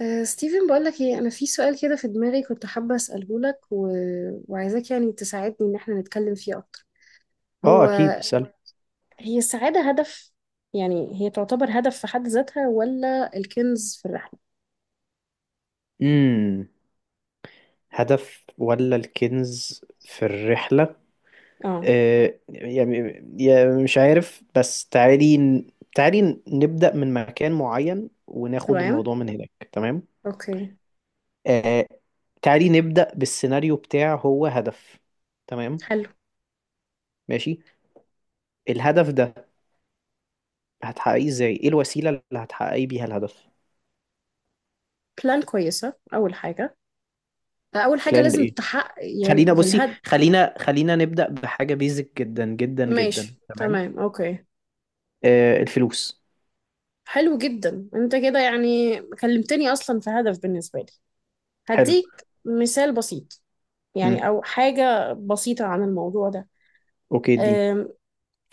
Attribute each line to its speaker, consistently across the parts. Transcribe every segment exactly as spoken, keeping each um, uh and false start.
Speaker 1: أه ستيفن، بقولك ايه، انا في سؤال كده في دماغي كنت حابة اسأله لك و... وعايزاك يعني تساعدني ان احنا نتكلم فيه اكتر.
Speaker 2: اه،
Speaker 1: هو
Speaker 2: اكيد اسأل.
Speaker 1: هي السعادة هدف؟ يعني هي تعتبر هدف في حد ذاتها ولا الكنز في الرحلة؟
Speaker 2: امم هدف ولا الكنز في الرحلة؟
Speaker 1: اه.
Speaker 2: آه يعني يعني مش عارف، بس تعالي تعالي نبدأ من مكان معين وناخد
Speaker 1: تمام.
Speaker 2: الموضوع من هناك. تمام؟
Speaker 1: اوكي.
Speaker 2: آه تعالي نبدأ بالسيناريو بتاع هو هدف. تمام.
Speaker 1: حلو.
Speaker 2: ماشي. الهدف ده هتحققيه ازاي؟ ايه الوسيلة اللي هتحققي بيها الهدف؟
Speaker 1: بلان كويسة اول حاجة. اول حاجة
Speaker 2: بلان
Speaker 1: لازم
Speaker 2: ايه؟
Speaker 1: تحقق يعني
Speaker 2: خلينا بصي،
Speaker 1: للهدف.
Speaker 2: خلينا خلينا نبدأ بحاجة بيزك جدا جدا
Speaker 1: ماشي.
Speaker 2: جدا. تمام.
Speaker 1: تمام. اوكي.
Speaker 2: آه الفلوس.
Speaker 1: حلو جدا، انت كده يعني كلمتني اصلا في هدف بالنسبة لي.
Speaker 2: حلو.
Speaker 1: هديك مثال بسيط، يعني
Speaker 2: امم
Speaker 1: أو حاجة بسيطة عن الموضوع ده.
Speaker 2: اوكي، اديني.
Speaker 1: أم،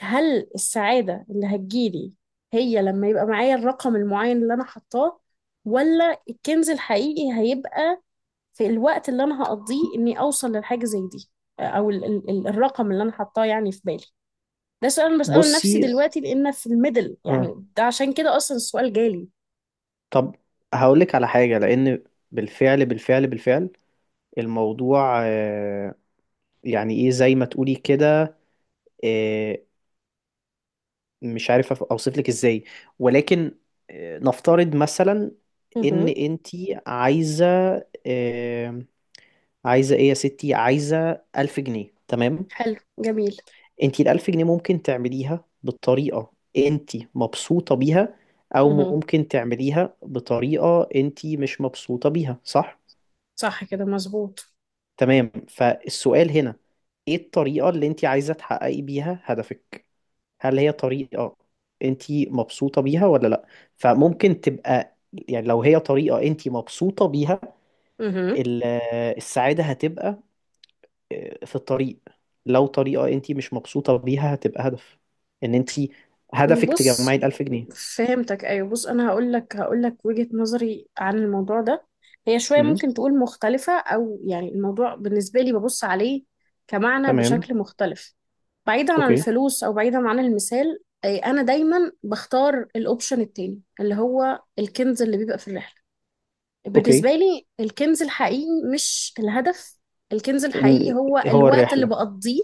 Speaker 1: هل السعادة اللي هتجيلي هي لما يبقى معايا الرقم المعين اللي أنا حطاه، ولا الكنز الحقيقي هيبقى في الوقت اللي أنا هقضيه إني أوصل للحاجة زي دي؟ أو ال ال ال- الرقم اللي أنا حطاه يعني في بالي. ده سؤال أنا بسأله لنفسي
Speaker 2: بصي،
Speaker 1: دلوقتي، لأن في الميدل
Speaker 2: اه
Speaker 1: يعني ده عشان كده أصلا السؤال جالي.
Speaker 2: طب هقولك على حاجة، لأن بالفعل بالفعل بالفعل الموضوع، آه يعني ايه، زي ما تقولي كده. آه مش عارف اوصف لك ازاي، ولكن آه نفترض مثلا ان
Speaker 1: مهم.
Speaker 2: انتي عايزة، آه عايزة ايه يا ستي، عايزة ألف جنيه. تمام.
Speaker 1: حلو جميل.
Speaker 2: انت الألف جنيه ممكن تعمليها بالطريقة انت مبسوطة بيها، أو
Speaker 1: مهم.
Speaker 2: ممكن تعمليها بطريقة انت مش مبسوطة بيها، صح؟
Speaker 1: صح كده، مظبوط.
Speaker 2: تمام، فالسؤال هنا، ايه الطريقة اللي انت عايزة تحققي بيها هدفك؟ هل هي طريقة انت مبسوطة بيها ولا لأ؟ فممكن تبقى، يعني لو هي طريقة انت مبسوطة بيها
Speaker 1: مهم.
Speaker 2: ال- السعادة هتبقى في الطريق. لو طريقة انت مش مبسوطة بيها هتبقى هدف، ان انت هدفك تجمعي
Speaker 1: بص،
Speaker 2: الألف جنيه.
Speaker 1: فهمتك. ايوه، بص، انا هقول لك هقول لك وجهة نظري عن الموضوع ده. هي شوية
Speaker 2: امم.
Speaker 1: ممكن تقول مختلفة، او يعني الموضوع بالنسبة لي ببص عليه كمعنى
Speaker 2: تمام.
Speaker 1: بشكل مختلف. بعيدا عن
Speaker 2: اوكي
Speaker 1: الفلوس او بعيدا عن المثال. أي انا دايما بختار الاوبشن التاني اللي هو الكنز اللي بيبقى في الرحلة. بالنسبة
Speaker 2: اوكي.
Speaker 1: لي الكنز الحقيقي مش الهدف. الكنز الحقيقي
Speaker 2: ال-
Speaker 1: هو
Speaker 2: هو
Speaker 1: الوقت اللي
Speaker 2: الرحلة.
Speaker 1: بقضيه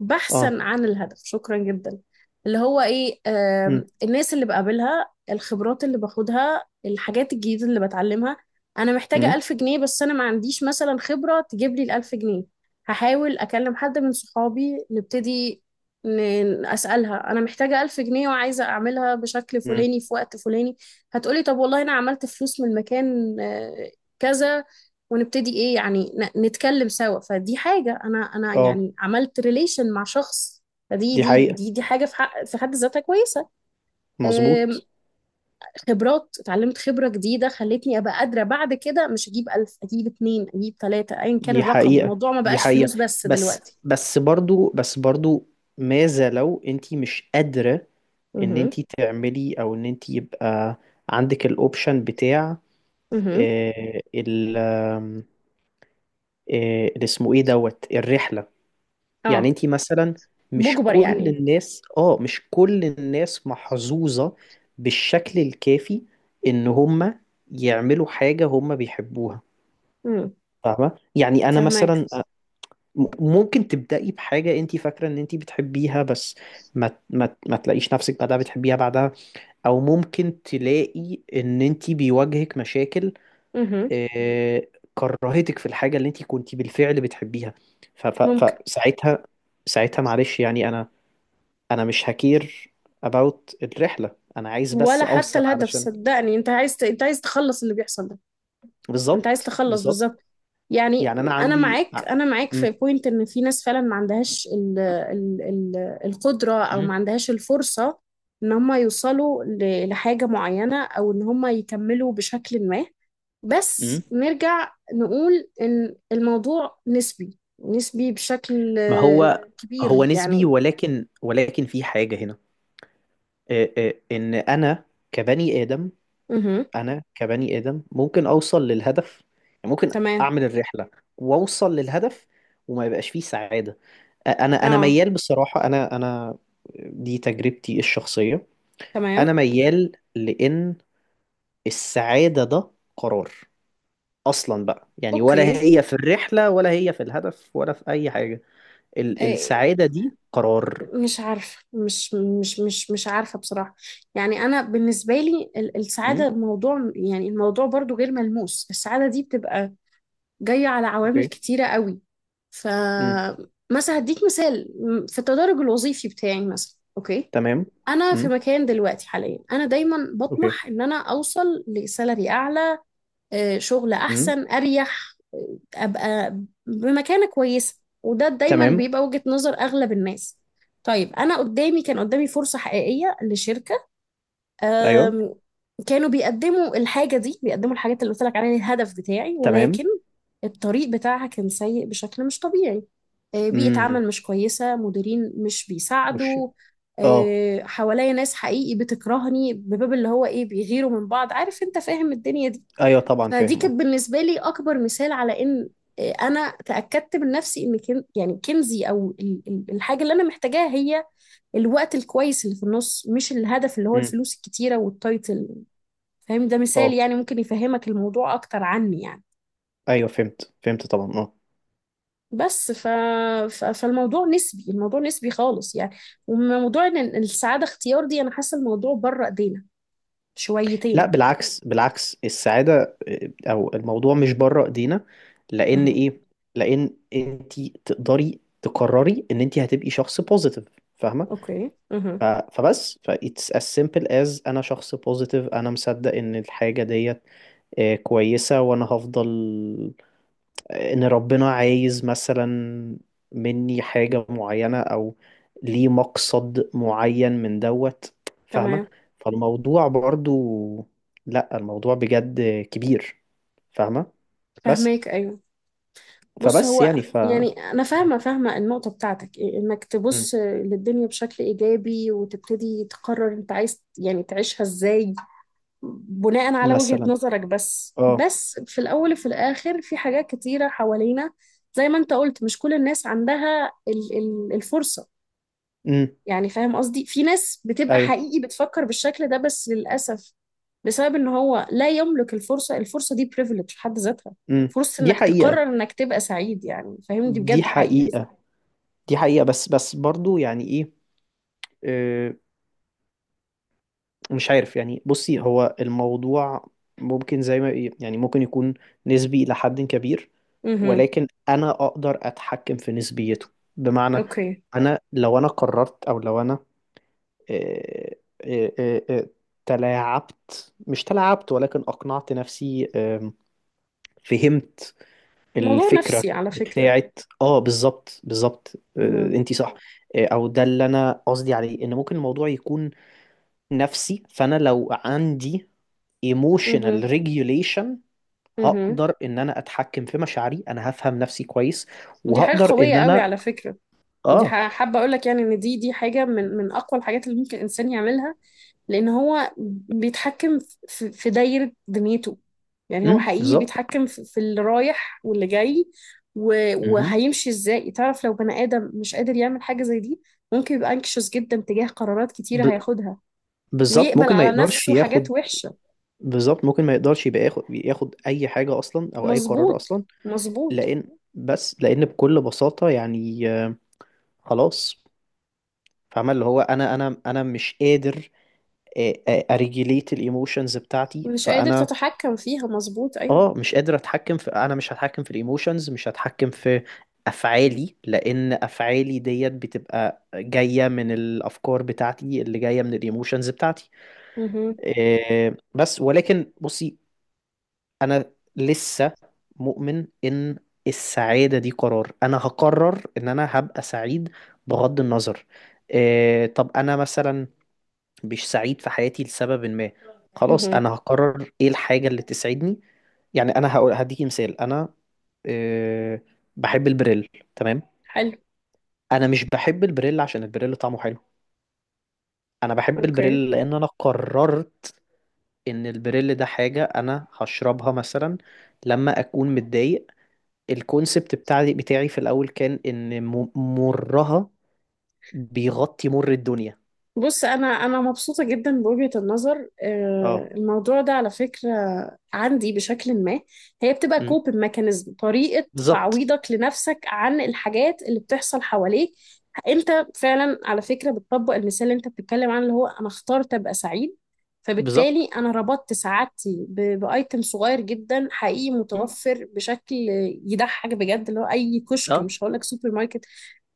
Speaker 1: بحثا
Speaker 2: اه.
Speaker 1: عن الهدف. شكرا جدا. اللي هو ايه،
Speaker 2: امم.
Speaker 1: آم، الناس اللي بقابلها، الخبرات اللي باخدها، الحاجات الجديدة اللي بتعلمها. انا محتاجة
Speaker 2: امم.
Speaker 1: ألف جنيه بس انا ما عنديش مثلا خبرة تجيب لي الألف جنيه. هحاول أكلم حد من صحابي، نبتدي، ن- أسألها أنا محتاجة ألف جنيه وعايزة أعملها بشكل
Speaker 2: امم.
Speaker 1: فلاني في وقت فلاني. هتقولي طب والله انا عملت فلوس من المكان آه، كذا، ونبتدي ايه يعني ن- نتكلم سوا. فدي حاجة، انا انا
Speaker 2: اه.
Speaker 1: يعني عملت ريليشن مع شخص. فدي
Speaker 2: دي
Speaker 1: دي
Speaker 2: حقيقة،
Speaker 1: دي دي حاجة في حق في حد ذاتها كويسة. آم،
Speaker 2: مظبوط.
Speaker 1: خبرات اتعلمت، خبرة جديدة خلتني ابقى قادرة بعد كده مش اجيب ألف، اجيب اتنين، اجيب تلاتة، ايا كان
Speaker 2: دي
Speaker 1: الرقم.
Speaker 2: حقيقة،
Speaker 1: الموضوع ما
Speaker 2: دي
Speaker 1: بقاش
Speaker 2: حقيقة،
Speaker 1: فلوس بس
Speaker 2: بس
Speaker 1: دلوقتي.
Speaker 2: بس برضو، بس برضو، ماذا لو انت مش قادرة ان
Speaker 1: اها.
Speaker 2: انت تعملي، او ان انت يبقى عندك الاوبشن بتاع،
Speaker 1: اها.
Speaker 2: آه، ال، آه، اللي اسمه ايه دوت الرحله. يعني
Speaker 1: اه.
Speaker 2: انت مثلا، مش
Speaker 1: بجبر
Speaker 2: كل
Speaker 1: يعني.
Speaker 2: الناس، اه مش كل الناس محظوظه بالشكل الكافي ان هم يعملوا حاجه هم بيحبوها،
Speaker 1: امم.
Speaker 2: فاهمه؟ يعني انا
Speaker 1: فهماك.
Speaker 2: مثلا آه، م- ممكن تبداي بحاجه انت فاكره ان انت بتحبيها، بس ما ما ما تلاقيش نفسك بعدها بتحبيها بعدها، او ممكن تلاقي ان انت بيواجهك مشاكل
Speaker 1: اها.
Speaker 2: آه، كرهتك في الحاجة اللي انت كنت بالفعل بتحبيها. ف- ف- فساعتها، ساعتها معلش، يعني انا، انا مش هكير about الرحلة، انا عايز
Speaker 1: ولا
Speaker 2: بس
Speaker 1: حتى
Speaker 2: اوصل
Speaker 1: الهدف،
Speaker 2: علشان
Speaker 1: صدقني، انت عايز ت... انت عايز تخلص اللي بيحصل ده. انت عايز
Speaker 2: بالظبط،
Speaker 1: تخلص
Speaker 2: بالظبط.
Speaker 1: بالظبط. يعني
Speaker 2: يعني انا
Speaker 1: انا
Speaker 2: عندي
Speaker 1: معاك
Speaker 2: ع-
Speaker 1: انا معاك
Speaker 2: م-
Speaker 1: في بوينت ان في ناس فعلا ما عندهاش ال... ال... ال... القدرة، او
Speaker 2: م-
Speaker 1: ما عندهاش الفرصة ان هم يوصلوا ل... لحاجة معينة، او ان هم يكملوا بشكل ما.
Speaker 2: م.
Speaker 1: بس نرجع نقول ان الموضوع نسبي، نسبي بشكل
Speaker 2: ما
Speaker 1: آه،
Speaker 2: هو، هو
Speaker 1: كبير
Speaker 2: نسبي،
Speaker 1: يعني.
Speaker 2: ولكن ولكن في حاجة هنا، آه، آه، ان انا كبني آدم،
Speaker 1: امم.
Speaker 2: انا كبني ادم ممكن اوصل للهدف، يعني ممكن
Speaker 1: تمام.
Speaker 2: اعمل الرحله واوصل للهدف وما يبقاش فيه سعاده. انا انا
Speaker 1: اه.
Speaker 2: ميال بصراحه، انا انا دي تجربتي الشخصيه.
Speaker 1: تمام.
Speaker 2: انا ميال لان السعاده ده قرار اصلا بقى، يعني ولا
Speaker 1: اوكي.
Speaker 2: هي في الرحله ولا هي في الهدف ولا في اي حاجه. ال
Speaker 1: آه،
Speaker 2: السعاده دي قرار.
Speaker 1: مش عارفة مش مش مش مش عارفة بصراحة. يعني أنا بالنسبة لي ال- السعادة،
Speaker 2: امم.
Speaker 1: الموضوع يعني الموضوع برضو غير ملموس. السعادة دي بتبقى جاية على عوامل
Speaker 2: اوكي.
Speaker 1: كتيرة قوي. ف
Speaker 2: امم.
Speaker 1: مثلا هديك مثال. م- في التدرج الوظيفي بتاعي مثلا، أوكي،
Speaker 2: تمام.
Speaker 1: أنا في
Speaker 2: امم.
Speaker 1: مكان دلوقتي حاليا، أنا دايما
Speaker 2: اوكي.
Speaker 1: بطمح إن أنا أوصل لسالري أعلى، آه، شغل
Speaker 2: امم.
Speaker 1: احسن اريح، آه، ابقى بمكانه كويسه، وده دايما
Speaker 2: تمام.
Speaker 1: بيبقى وجهة نظر اغلب الناس. طيب انا قدامي كان قدامي فرصه حقيقيه لشركه.
Speaker 2: ايوه،
Speaker 1: آم، كانوا بيقدموا الحاجه دي، بيقدموا الحاجات اللي قلت لك عليها، الهدف بتاعي،
Speaker 2: تمام.
Speaker 1: ولكن الطريق بتاعها كان سيء بشكل مش طبيعي. آه، بيئه
Speaker 2: امم.
Speaker 1: عمل مش كويسه، مديرين مش
Speaker 2: مش.
Speaker 1: بيساعدوا،
Speaker 2: اه.
Speaker 1: آه، حواليا ناس حقيقي بتكرهني، بباب اللي هو ايه بيغيروا من بعض، عارف، انت فاهم الدنيا دي.
Speaker 2: ايوه طبعا
Speaker 1: فدي
Speaker 2: فاهم. اه.
Speaker 1: كانت بالنسبة لي أكبر مثال على إن آه، أنا تأكدت من نفسي إن كن يعني كنزي أو ال- ال- الحاجة اللي أنا محتاجاها هي الوقت الكويس اللي في النص، مش الهدف اللي هو
Speaker 2: امم.
Speaker 1: الفلوس الكتيرة والتايتل. فاهم؟ ده مثال
Speaker 2: اه.
Speaker 1: يعني ممكن يفهمك الموضوع أكتر عني يعني.
Speaker 2: ايوه، فهمت، فهمت طبعا. اه.
Speaker 1: بس ف... ف... فالموضوع نسبي، الموضوع نسبي خالص يعني. وموضوع إن إن السعادة اختيار دي، أنا حاسة الموضوع بره إيدينا
Speaker 2: لا
Speaker 1: شويتين.
Speaker 2: بالعكس، بالعكس، السعاده، آه، او الموضوع مش بره ايدينا، لان
Speaker 1: مه.
Speaker 2: ايه؟ لان انت تقدري تقرري ان انت هتبقي شخص بوزيتيف، فاهمه؟
Speaker 1: أوكي. مه.
Speaker 2: ف- فبس ف it's as simple as انا شخص بوزيتيف، انا مصدق ان الحاجه ديت آه، كويسه، وانا هفضل ان ربنا عايز مثلا مني حاجة معينة، او ليه مقصد معين من دوت، فاهمة؟
Speaker 1: تمام.
Speaker 2: فالموضوع برضو، لا الموضوع بجد كبير، فاهمة؟ بس،
Speaker 1: فهماك أيوه. بص،
Speaker 2: فبس
Speaker 1: هو
Speaker 2: يعني ف
Speaker 1: يعني انا
Speaker 2: مم.
Speaker 1: فاهمه فاهمه النقطه بتاعتك، إيه، انك
Speaker 2: مم.
Speaker 1: تبص للدنيا بشكل ايجابي وتبتدي تقرر انت عايز يعني تعيشها ازاي بناء على وجهه
Speaker 2: مثلا.
Speaker 1: نظرك. بس
Speaker 2: اه.
Speaker 1: بس في الاول وفي الاخر في حاجات كتيره حوالينا، زي ما انت قلت، مش كل الناس عندها ال- ال- الفرصه.
Speaker 2: امم.
Speaker 1: يعني فاهم قصدي، في ناس بتبقى
Speaker 2: ايوه.
Speaker 1: حقيقي بتفكر بالشكل ده بس للأسف بسبب ان هو لا يملك الفرصة. الفرصة دي privilege في حد ذاتها،
Speaker 2: امم.
Speaker 1: فرصة
Speaker 2: دي
Speaker 1: انك تقرر
Speaker 2: حقيقة،
Speaker 1: انك تبقى سعيد، يعني فاهم، دي
Speaker 2: دي
Speaker 1: بجد حقيقي.
Speaker 2: حقيقة، دي حقيقة، بس بس برضو، يعني ايه؟ آه، مش عارف، يعني بصي، هو الموضوع ممكن زي ما يعني ممكن يكون نسبي إلى حد كبير،
Speaker 1: امم.
Speaker 2: ولكن أنا أقدر أتحكم في نسبيته، بمعنى،
Speaker 1: اوكي.
Speaker 2: أنا لو أنا قررت، أو لو أنا آه، آه، آه، آه، تلاعبت، مش تلاعبت، ولكن أقنعت نفسي، آم، فهمت
Speaker 1: موضوع
Speaker 2: الفكرة
Speaker 1: نفسي على فكرة.
Speaker 2: بتاعت. اه بالظبط، بالظبط،
Speaker 1: امم.
Speaker 2: انت صح. آه، او ده اللي انا قصدي عليه، ان ممكن الموضوع يكون نفسي، فانا لو عندي emotional regulation
Speaker 1: امم.
Speaker 2: هقدر ان انا اتحكم في مشاعري، انا هفهم نفسي كويس،
Speaker 1: دي حاجة
Speaker 2: وهقدر
Speaker 1: قوية
Speaker 2: ان
Speaker 1: قوي
Speaker 2: انا.
Speaker 1: على فكرة. يعني دي
Speaker 2: اه.
Speaker 1: ح- حابة اقول لك يعني ان دي دي حاجة من من اقوى الحاجات اللي ممكن الانسان يعملها، لان هو بيتحكم في في دايرة دنيته. يعني هو
Speaker 2: امم.
Speaker 1: حقيقي
Speaker 2: بالظبط.
Speaker 1: بيتحكم في في اللي رايح واللي جاي، و-
Speaker 2: مهم.
Speaker 1: وهيمشي ازاي. تعرف، لو بني ادم مش قادر يعمل حاجة زي دي، ممكن يبقى anxious جدا تجاه قرارات
Speaker 2: ب...
Speaker 1: كتيرة هياخدها،
Speaker 2: بالظبط،
Speaker 1: ويقبل
Speaker 2: ممكن ما
Speaker 1: على
Speaker 2: يقدرش
Speaker 1: نفسه حاجات
Speaker 2: ياخد.
Speaker 1: وحشة.
Speaker 2: بالظبط، ممكن ما يقدرش يبقى ياخد، ياخد اي حاجة اصلا، او اي قرار
Speaker 1: مظبوط.
Speaker 2: اصلا.
Speaker 1: مظبوط.
Speaker 2: لان، بس لان بكل بساطة، يعني آه، خلاص، فاهمة اللي هو انا، انا انا مش قادر اريجيليت الايموشنز بتاعتي.
Speaker 1: مش قادر
Speaker 2: فانا
Speaker 1: تتحكم فيها، مظبوط ايوه.
Speaker 2: اه مش قادر اتحكم في، انا مش هتحكم في الايموشنز، مش هتحكم في افعالي، لان افعالي ديت بتبقى جايه من الافكار بتاعتي اللي جايه من الايموشنز بتاعتي.
Speaker 1: مهم.
Speaker 2: إيه، بس ولكن بصي، انا لسه مؤمن ان السعاده دي قرار، انا هقرر ان انا هبقى سعيد بغض النظر. إيه، طب انا مثلا مش سعيد في حياتي لسبب ما، خلاص
Speaker 1: مهم.
Speaker 2: انا هقرر ايه الحاجه اللي تسعدني. يعني انا هقول هديكي مثال، انا آه، بحب البريل. تمام.
Speaker 1: حلو.
Speaker 2: انا مش بحب البريل عشان البريل طعمه حلو، انا بحب
Speaker 1: اوكي.
Speaker 2: البريل لان انا قررت ان البريل ده حاجة انا هشربها مثلا لما اكون متضايق. الكونسبت بتاعي بتاعي في الاول كان ان م- مرها بيغطي مر الدنيا.
Speaker 1: بص، انا انا مبسوطه جدا بوجهه النظر، آه،
Speaker 2: اه.
Speaker 1: الموضوع ده على فكره عندي بشكل ما. هي بتبقى
Speaker 2: أمم.
Speaker 1: كوبن ميكانيزم، طريقه
Speaker 2: بالظبط.
Speaker 1: تعويضك لنفسك عن الحاجات اللي بتحصل حواليك. انت فعلا على فكره بتطبق المثال اللي انت بتتكلم عنه اللي هو انا اخترت ابقى سعيد، فبالتالي
Speaker 2: بالظبط.
Speaker 1: انا ربطت سعادتي ب- بايتم صغير جدا حقيقي
Speaker 2: أمم.
Speaker 1: متوفر بشكل يضحك بجد، اللي هو اي كشك،
Speaker 2: اه،
Speaker 1: مش هقول لك سوبر ماركت.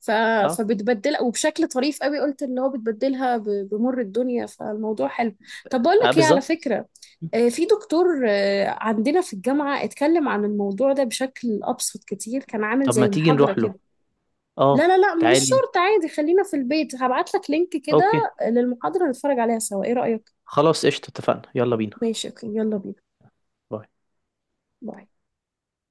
Speaker 1: ف...
Speaker 2: اه،
Speaker 1: فبتبدلها وبشكل طريف قوي، قلت اللي هو بتبدلها ب... بمر الدنيا، فالموضوع حلو. طب بقول
Speaker 2: اه،
Speaker 1: لك ايه على
Speaker 2: بالظبط.
Speaker 1: فكرة،
Speaker 2: أمم.
Speaker 1: آه، في دكتور آه، عندنا في الجامعة اتكلم عن الموضوع ده بشكل أبسط كتير، كان عامل
Speaker 2: طب ما
Speaker 1: زي
Speaker 2: تيجي
Speaker 1: محاضرة
Speaker 2: نروح له؟
Speaker 1: كده. لا
Speaker 2: اه،
Speaker 1: لا لا، مش
Speaker 2: تعالي.
Speaker 1: شرط، عادي، خلينا في البيت، هبعت لك لينك كده
Speaker 2: اوكي،
Speaker 1: للمحاضرة نتفرج عليها سوا، ايه رأيك؟
Speaker 2: خلاص قشطة، اتفقنا، يلا بينا.
Speaker 1: ماشي. اوكي. يلا بينا.
Speaker 2: باي.
Speaker 1: باي.